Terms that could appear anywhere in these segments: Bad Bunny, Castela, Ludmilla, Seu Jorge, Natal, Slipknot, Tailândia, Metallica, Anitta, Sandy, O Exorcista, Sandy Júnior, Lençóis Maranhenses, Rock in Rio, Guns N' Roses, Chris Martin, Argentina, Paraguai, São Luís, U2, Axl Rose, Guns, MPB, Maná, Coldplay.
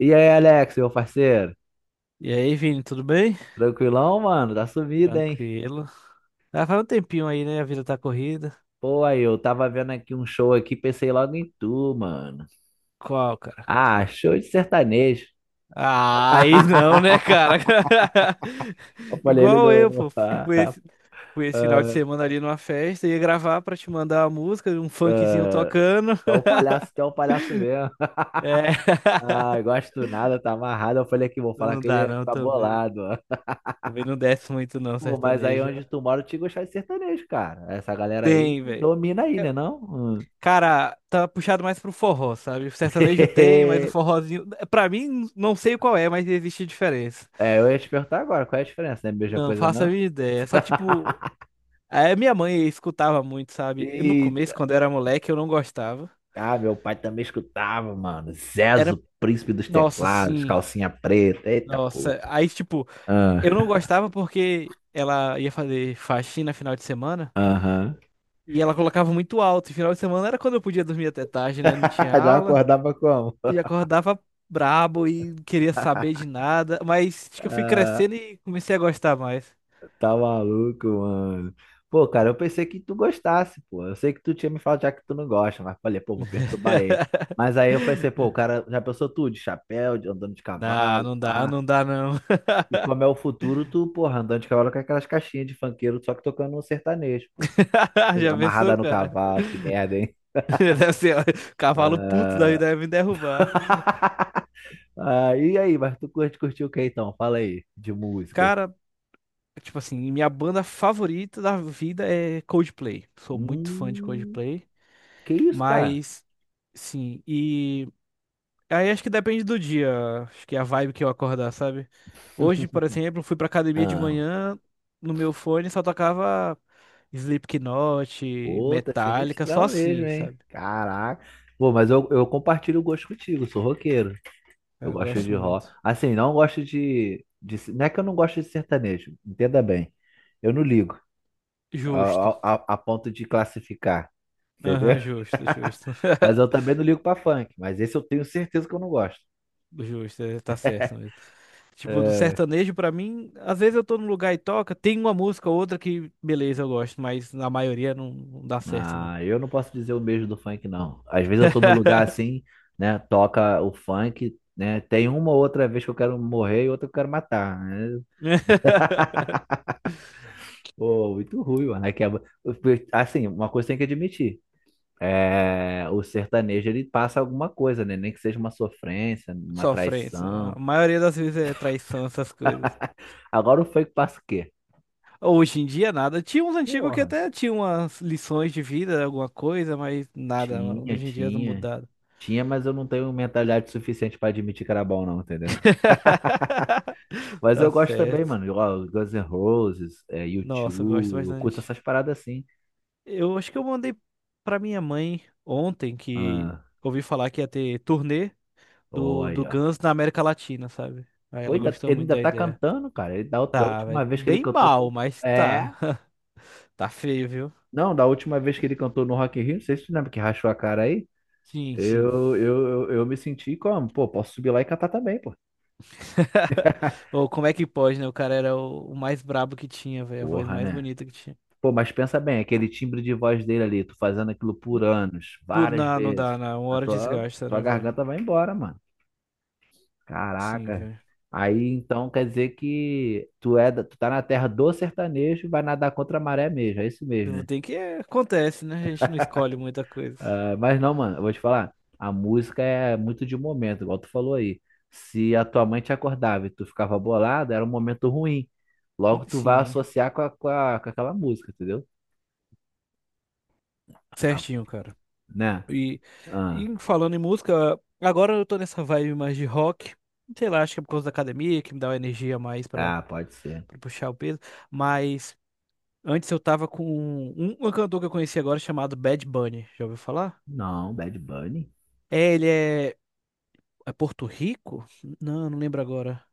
E aí, Alex, meu parceiro? E aí, Vini, tudo bem? Tranquilão, mano? Tá sumido, hein? Tranquilo. Ah, faz um tempinho aí, né? A vida tá corrida. Pô, aí, eu tava vendo aqui um show aqui, pensei logo em tu, mano. Qual, cara? Ah, show de sertanejo. Ah, aí não, né, cara? Eu falei, ele Igual eu, não. pô. Ah, Fui ah, esse, fui esse final de semana ali numa festa, ia gravar pra te mandar a música, um funkzinho ah, tocando. tu é um palhaço, tu é um palhaço mesmo. É. Ah, gosto do nada, tá amarrado. Eu falei aqui, vou Não falar não que ele dá, ia não, ficar também. bolado, ó. Também não desce muito, não, Pô, mas aí sertanejo. onde tu mora, eu te gostar de sertanejo, cara. Essa galera aí Tem, velho. domina aí, né, não? Hum. Cara, tá puxado mais pro forró, sabe? O sertanejo tem, mas o forrozinho. Pra mim, não sei qual é, mas existe diferença. É, eu ia te perguntar agora, qual é a diferença? Não é a mesma Não coisa, faço a não? minha ideia. Só que, tipo, a minha mãe escutava muito, sabe? No começo, Eita, quando eu era moleque, eu não gostava. ah, meu pai também escutava, mano. Era, Zezo, príncipe dos nossa, teclados, sim, calcinha preta. Eita, pô. nossa. Aí, tipo, Ah, eu não gostava porque ela ia fazer faxina final de semana aham. e ela colocava muito alto. E final de semana era quando eu podia dormir até tarde, né? Não tinha Já aula. acordava como? E acordava brabo e não queria saber de nada. Mas acho que eu fui crescendo e comecei a gostar mais. Tá maluco, mano. Pô, cara, eu pensei que tu gostasse, pô. Eu sei que tu tinha me falado já que tu não gosta, mas falei, pô, vou perturbar ele. Mas aí eu pensei, pô, o cara já pensou tudo, de chapéu, de andando de Não, cavalo, não dá, pá. não dá, não. E como é o futuro, tu, porra, andando de cavalo com aquelas caixinhas de funkeiro, só que tocando um sertanejo, pô. Já Amarrada pensou, no cara? cavalo, que merda, hein? Deve ser, ó, cavalo puto da vida deve me derrubar. Ah, e aí, mas tu curtiu o que então? Fala aí, de músicas. Cara, tipo assim, minha banda favorita da vida é Coldplay. Sou muito fã de Hum, Coldplay, que isso, cara? mas sim, e aí acho que depende do dia, acho que é a vibe que eu acordar, sabe? Hoje, por exemplo, fui pra academia de Ah, manhã, no meu fone só tocava Slipknot, pô, tá Metallica, só sinistrão mesmo, assim, hein? sabe? Caraca. Pô, mas eu compartilho o gosto contigo, sou roqueiro. Eu Eu gosto gosto de rock. muito. Assim, não gosto de. Não é que eu não gosto de sertanejo, entenda bem. Eu não ligo a, Justo. a ponto de classificar, entendeu? Aham, justo, justo. Mas eu também não ligo pra funk. Mas esse eu tenho certeza que eu não gosto. Justo, é, tá certo mesmo. Tipo, do É. sertanejo, pra mim, às vezes eu tô num lugar e toca, tem uma música ou outra que, beleza, eu gosto, mas na maioria não, não dá certo, não. Ah, eu não posso dizer o mesmo do funk, não. Às vezes eu tô no lugar assim, né? Toca o funk, né? Tem uma ou outra vez que eu quero morrer e outra que eu quero matar, né? Pô, muito ruim, mano. Assim, uma coisa tem que admitir. É, o sertanejo, ele passa alguma coisa, né? Nem que seja uma sofrência, uma Sofrência. traição. A maioria das vezes é traição, essas coisas. Agora o funk passa o quê? Hoje em dia, nada. Tinha uns antigos que Porra, até tinham umas lições de vida, alguma coisa, mas nada. tinha, Hoje em dia, tá tinha. mudado. Tinha, mas eu não tenho mentalidade suficiente pra admitir que era bom, não, entendeu? Mas Tá eu gosto também, certo. mano. Ó, Guns N' Roses, é, U2, Nossa, eu gosto eu curto bastante. essas paradas assim. Eu acho que eu mandei pra minha mãe ontem que Ah, ouvi falar que ia ter turnê do olha. Guns na América Latina, sabe? Aí Pô, ela ainda, gostou ele muito ainda da tá ideia. cantando, cara. Da Tá, última vez que ele bem cantou foi. mal, mas É. tá. Tá feio, viu? Não, da última vez que ele cantou no Rock in Rio, não sei se tu lembra que rachou a cara aí. Sim, sim. Eu me senti como? Pô, posso subir lá e cantar também, pô. Ou como é que pode, né? O cara era o mais brabo que tinha, velho. A voz Porra, mais né? bonita que tinha. Pô, mas pensa bem, aquele timbre de voz dele ali, tu fazendo aquilo por anos, várias Não dá, vezes. na uma A hora tua, desgasta, tua né, velho? garganta vai embora, mano. Sim, Caraca. velho. Aí então quer dizer que tu tá na terra do sertanejo, e vai nadar contra a maré mesmo, é isso Eu mesmo, vou né? ter que. Acontece, né? A gente não escolhe muita coisa. Ah, mas não, mano, eu vou te falar, a música é muito de momento, igual tu falou aí. Se a tua mãe te acordava e tu ficava bolado, era um momento ruim. Logo tu Sim, vai hein? associar com aquela música, entendeu? Ah, Certinho, cara. né? E, Ah, e falando em música, agora eu tô nessa vibe mais de rock. Sei lá, acho que é por causa da academia que me dá uma energia mais pra, ah, pode ser. pra puxar o peso. Mas antes eu tava com um cantor que eu conheci agora chamado Bad Bunny. Já ouviu falar? Não, Bad Bunny. É, ele é. É Porto Rico? Não, não lembro agora.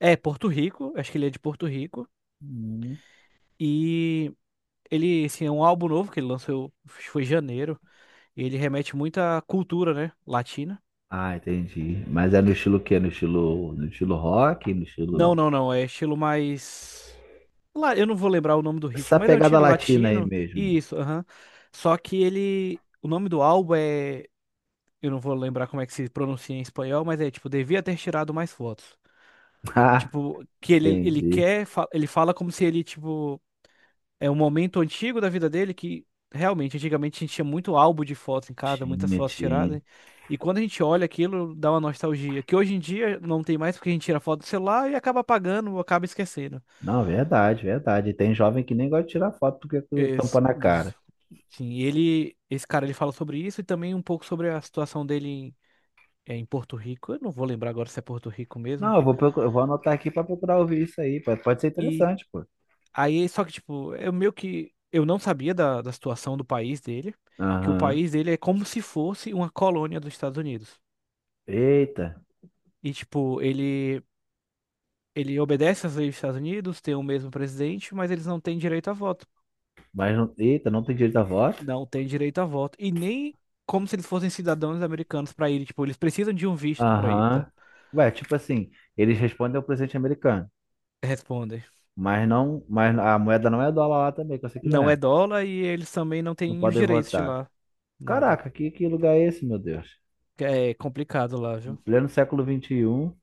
É, Porto Rico, acho que ele é de Porto Rico. Hum. E ele, assim, é um álbum novo que ele lançou, acho que foi em janeiro. E ele remete muito à cultura, né? Latina. Ah, entendi. Mas é no estilo o quê? No estilo, rock, no estilo. Não, não, não. É estilo mais. Lá, eu não vou lembrar o nome do ritmo, Essa mas é um pegada estilo latina aí latino. mesmo, né? Isso, aham. Só que ele. O nome do álbum é. Eu não vou lembrar como é que se pronuncia em espanhol, mas é tipo, devia ter tirado mais fotos. Ah, Tipo, que ele entendi. quer. Ele fala como se ele, tipo. É um momento antigo da vida dele que realmente, antigamente a gente tinha muito álbum de fotos em casa, muitas Tinha, fotos tinha. tiradas. E quando a gente olha aquilo, dá uma nostalgia. Que hoje em dia não tem mais porque a gente tira foto do celular e acaba apagando, ou acaba esquecendo. Não, verdade, verdade. Tem jovem que nem gosta de tirar foto porque tu tampa Esse- na cara. sim, esse cara, ele fala sobre isso e também um pouco sobre a situação dele em Porto Rico. Eu não vou lembrar agora se é Porto Rico mesmo. Não, eu vou anotar aqui pra procurar ouvir isso aí. Pode ser E interessante, pô. aí, só que, tipo, eu meio que, eu não sabia da situação do país dele, que o Aham. país dele é como se fosse uma colônia dos Estados Unidos. Eita, E, tipo, ele obedece às leis dos Estados Unidos, tem o mesmo presidente, mas eles não têm direito a voto. mas não, eita, não tem direito a voto? Não têm direito a voto. E nem como se eles fossem cidadãos americanos para ir. Tipo, eles precisam de um visto para ir, tá? Aham. Ué, tipo assim, eles respondem ao presidente americano, Respondem. mas a moeda não é dólar lá também, que eu sei que não Não é. é dólar e eles também não Não têm os podem direitos de votar. lá. Nada. Caraca, que lugar é esse, meu Deus? É complicado lá, viu? Pleno século 21.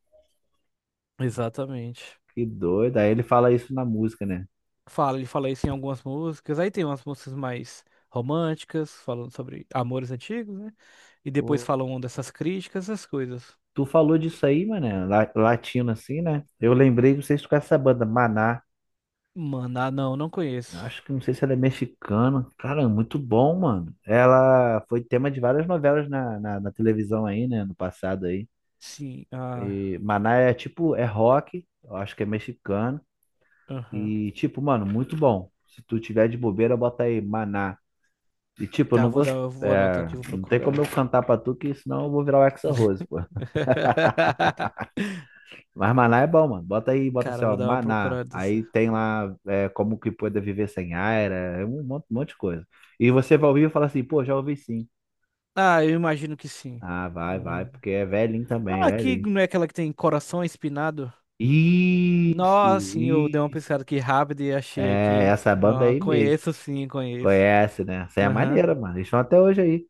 Exatamente. Que doido. Aí ele fala isso na música, né? Fala, ele fala isso em algumas músicas. Aí tem umas músicas mais românticas, falando sobre amores antigos, né? E depois Pô, falam dessas críticas, essas coisas. tu falou disso aí, mano, latino assim, né? Eu lembrei, não sei se tu conhece essa banda, Maná. Mano, ah, não, não conheço. Acho que não sei se ela é mexicana. Cara, muito bom, mano. Ela foi tema de várias novelas na televisão aí, né? No passado aí. Sim, ah, E Maná é tipo, é rock, eu acho que é mexicano. aham. E tipo, mano, muito bom. Se tu tiver de bobeira, bota aí Maná. E tipo, eu Tá, não vou vou. dar, vou anotar É, aqui, vou não tem como eu procurar. cantar pra tu, que senão eu vou virar o Axl Rose, pô. Mas maná é bom, mano. Bota aí, bota assim, Cara, ó, vou dar uma maná. procurada. Dessa. Aí tem lá é, como que pode viver sem ar, é um monte de coisa. E você vai ouvir e fala assim, pô, já ouvi sim. Ah, eu imagino que sim. Ah, Eu vai, vai, imagino porque é velhinho também, Ah, aqui velhinho. não é aquela que tem coração espinado? Isso, Nossa, sim, eu dei uma isso. pesquisada aqui rápida e achei É, aqui. essa banda Não, aí mesmo. conheço sim, conheço. Conhece, né? Essa é Aham. maneira, mano. Eles estão até hoje aí.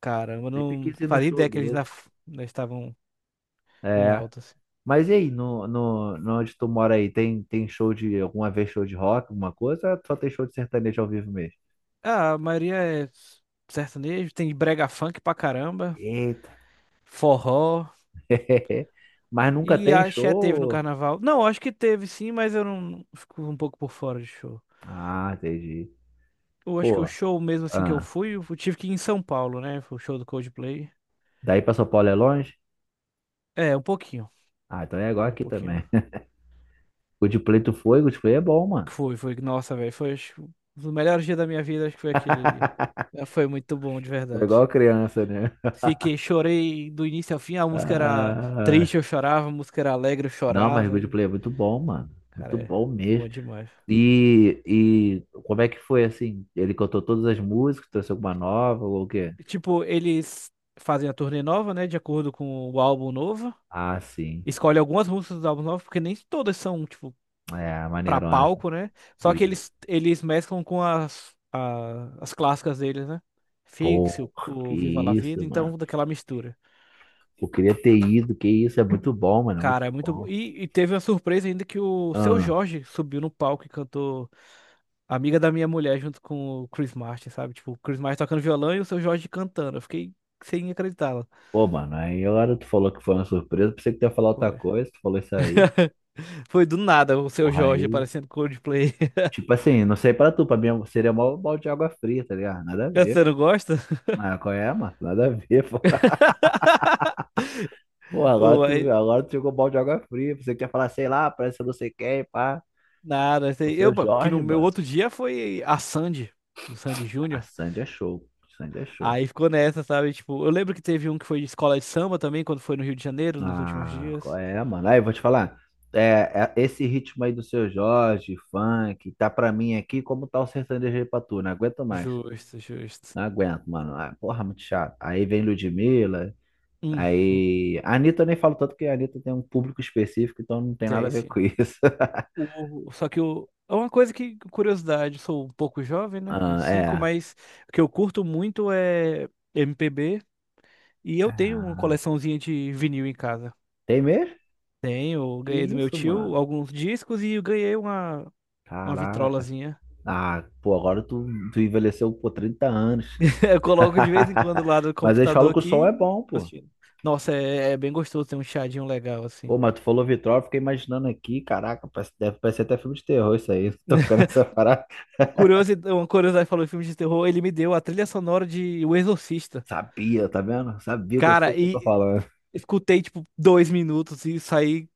Caramba, eu Sempre não quis ir no fazia show ideia que eles ainda, deles. f- ainda estavam em É. alta, assim. Mas e aí, no onde tu mora aí, tem show de, alguma vez show de rock, alguma coisa? Ou só tem show de sertanejo ao vivo mesmo? Ah, a maioria é sertanejo, tem brega funk pra caramba, Eita. forró. Mas nunca E tem axé teve no show. carnaval. Não, acho que teve sim, mas eu não fico um pouco por fora de show. Ah, entendi. Eu acho que o Pô, show mesmo assim que eu ah, fui, eu tive que ir em São Paulo, né? Foi o show do Coldplay. daí pra São Paulo é longe? É, um pouquinho, Ah, então é igual um aqui também. pouquinho. Coldplay tu foi, Coldplay é bom, mano. Foi. Nossa, velho. Foi acho que, um dos melhores dias da minha vida, acho que foi aquele ali. É, foi muito bom, de Foi igual verdade. criança, né? Fiquei, chorei do início ao fim. A música era Ah, triste, eu chorava. A música era alegre, eu não, mas chorava. E, Coldplay é muito bom, mano. cara, Muito é bom mesmo. bom demais. E como é que foi assim? Ele cantou todas as músicas, trouxe alguma nova ou o quê? E, tipo, eles fazem a turnê nova, né? De acordo com o álbum novo. Ah, sim. Escolhe algumas músicas dos álbuns novos, porque nem todas são, tipo, É, pra maneirona. palco, né? Só que Isso. eles mesclam com as clássicas deles, né? Fix, o, Pô, que o Viva La Vida, isso, mano. então daquela mistura. Eu queria ter ido, que isso, é muito bom, mano, é muito Cara, é muito bom. bom. E teve uma surpresa ainda que o Seu Ah, Jorge subiu no palco e cantou Amiga da Minha Mulher junto com o Chris Martin, sabe? Tipo, o Chris Martin tocando violão e o Seu Jorge cantando. Eu fiquei sem acreditar. pô, mano, aí agora tu falou que foi uma surpresa, pensei que tu ia falar outra Foi, coisa, tu falou isso aí. foi do nada o Seu Porra, Jorge aí, aparecendo Coldplay. tipo assim, não sei pra tu, pra mim seria mó balde de água fria, tá ligado? Nada a ver. Você não gosta? Ah, qual é, mano? Nada a ver, pô. Pô, agora Ou tu, aí- agora tu jogou balde de água fria, pensei que ia falar, sei lá, parece que eu não sei quem, pá. Nada, O sei. Eu, seu pô, que Jorge, no meu mano. outro dia foi a Sandy, do Sandy A Júnior. Sandy é show, Sandy é show. Aí ficou nessa, sabe? Tipo, eu lembro que teve um que foi de escola de samba também, quando foi no Rio de Janeiro, nos últimos Ah, qual dias. é, mano. Aí, eu vou te falar. É, Esse ritmo aí do Seu Jorge, funk, tá pra mim aqui como tá o sertanejo aí pra tu. Não aguento mais. Justo, justo. Não aguento, mano. Ah, porra, muito chato. Aí vem Ludmilla. Aí. A Anitta eu nem falo tanto que a Anitta tem um público específico, então não tem nada a Tem, ver sim. com isso. Só que é uma coisa que, curiosidade, sou um pouco jovem, né? Vinte e Ah, cinco. é. Mas o que eu curto muito é MPB e eu tenho uma coleçãozinha de vinil em casa. Tem mesmo? Tenho, Que ganhei do meu isso, tio mano? alguns discos e eu ganhei uma Caraca. vitrolazinha. Ah, pô, agora tu envelheceu por 30 anos. Eu coloco de vez em quando lá do Mas eles falam computador que o som aqui. é bom, pô. Assistindo. Nossa, é bem gostoso ter um chadinho legal assim. Pô, mas tu falou Vitrol, eu fiquei imaginando aqui, caraca, deve parecer até filme de terror isso aí, tocando essa parada. Uma curiosidade falou em filme de terror, ele me deu a trilha sonora de O Exorcista. Sabia, tá vendo? Sabia que eu sei Cara, o que eu tô e falando. escutei, tipo, 2 minutos e saí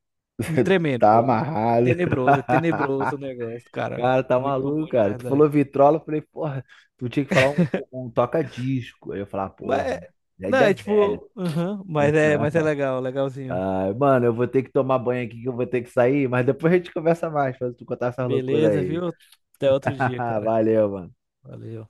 me tremendo, Tá pô. Amarrado. É tenebroso o negócio, cara. Cara, tá Muito maluco, bom de cara. Tu falou verdade. Vitrola, eu falei, porra, tu tinha que falar um toca-disco. Aí eu falava, Mas, porra, já é não, é velho. tipo, aham, mas é legal, legalzinho. Ai, mano, eu vou ter que tomar banho aqui que eu vou ter que sair, mas depois a gente conversa mais, pra tu contar essas loucuras Beleza, aí. viu? Até outro dia, cara. Valeu, mano. Valeu.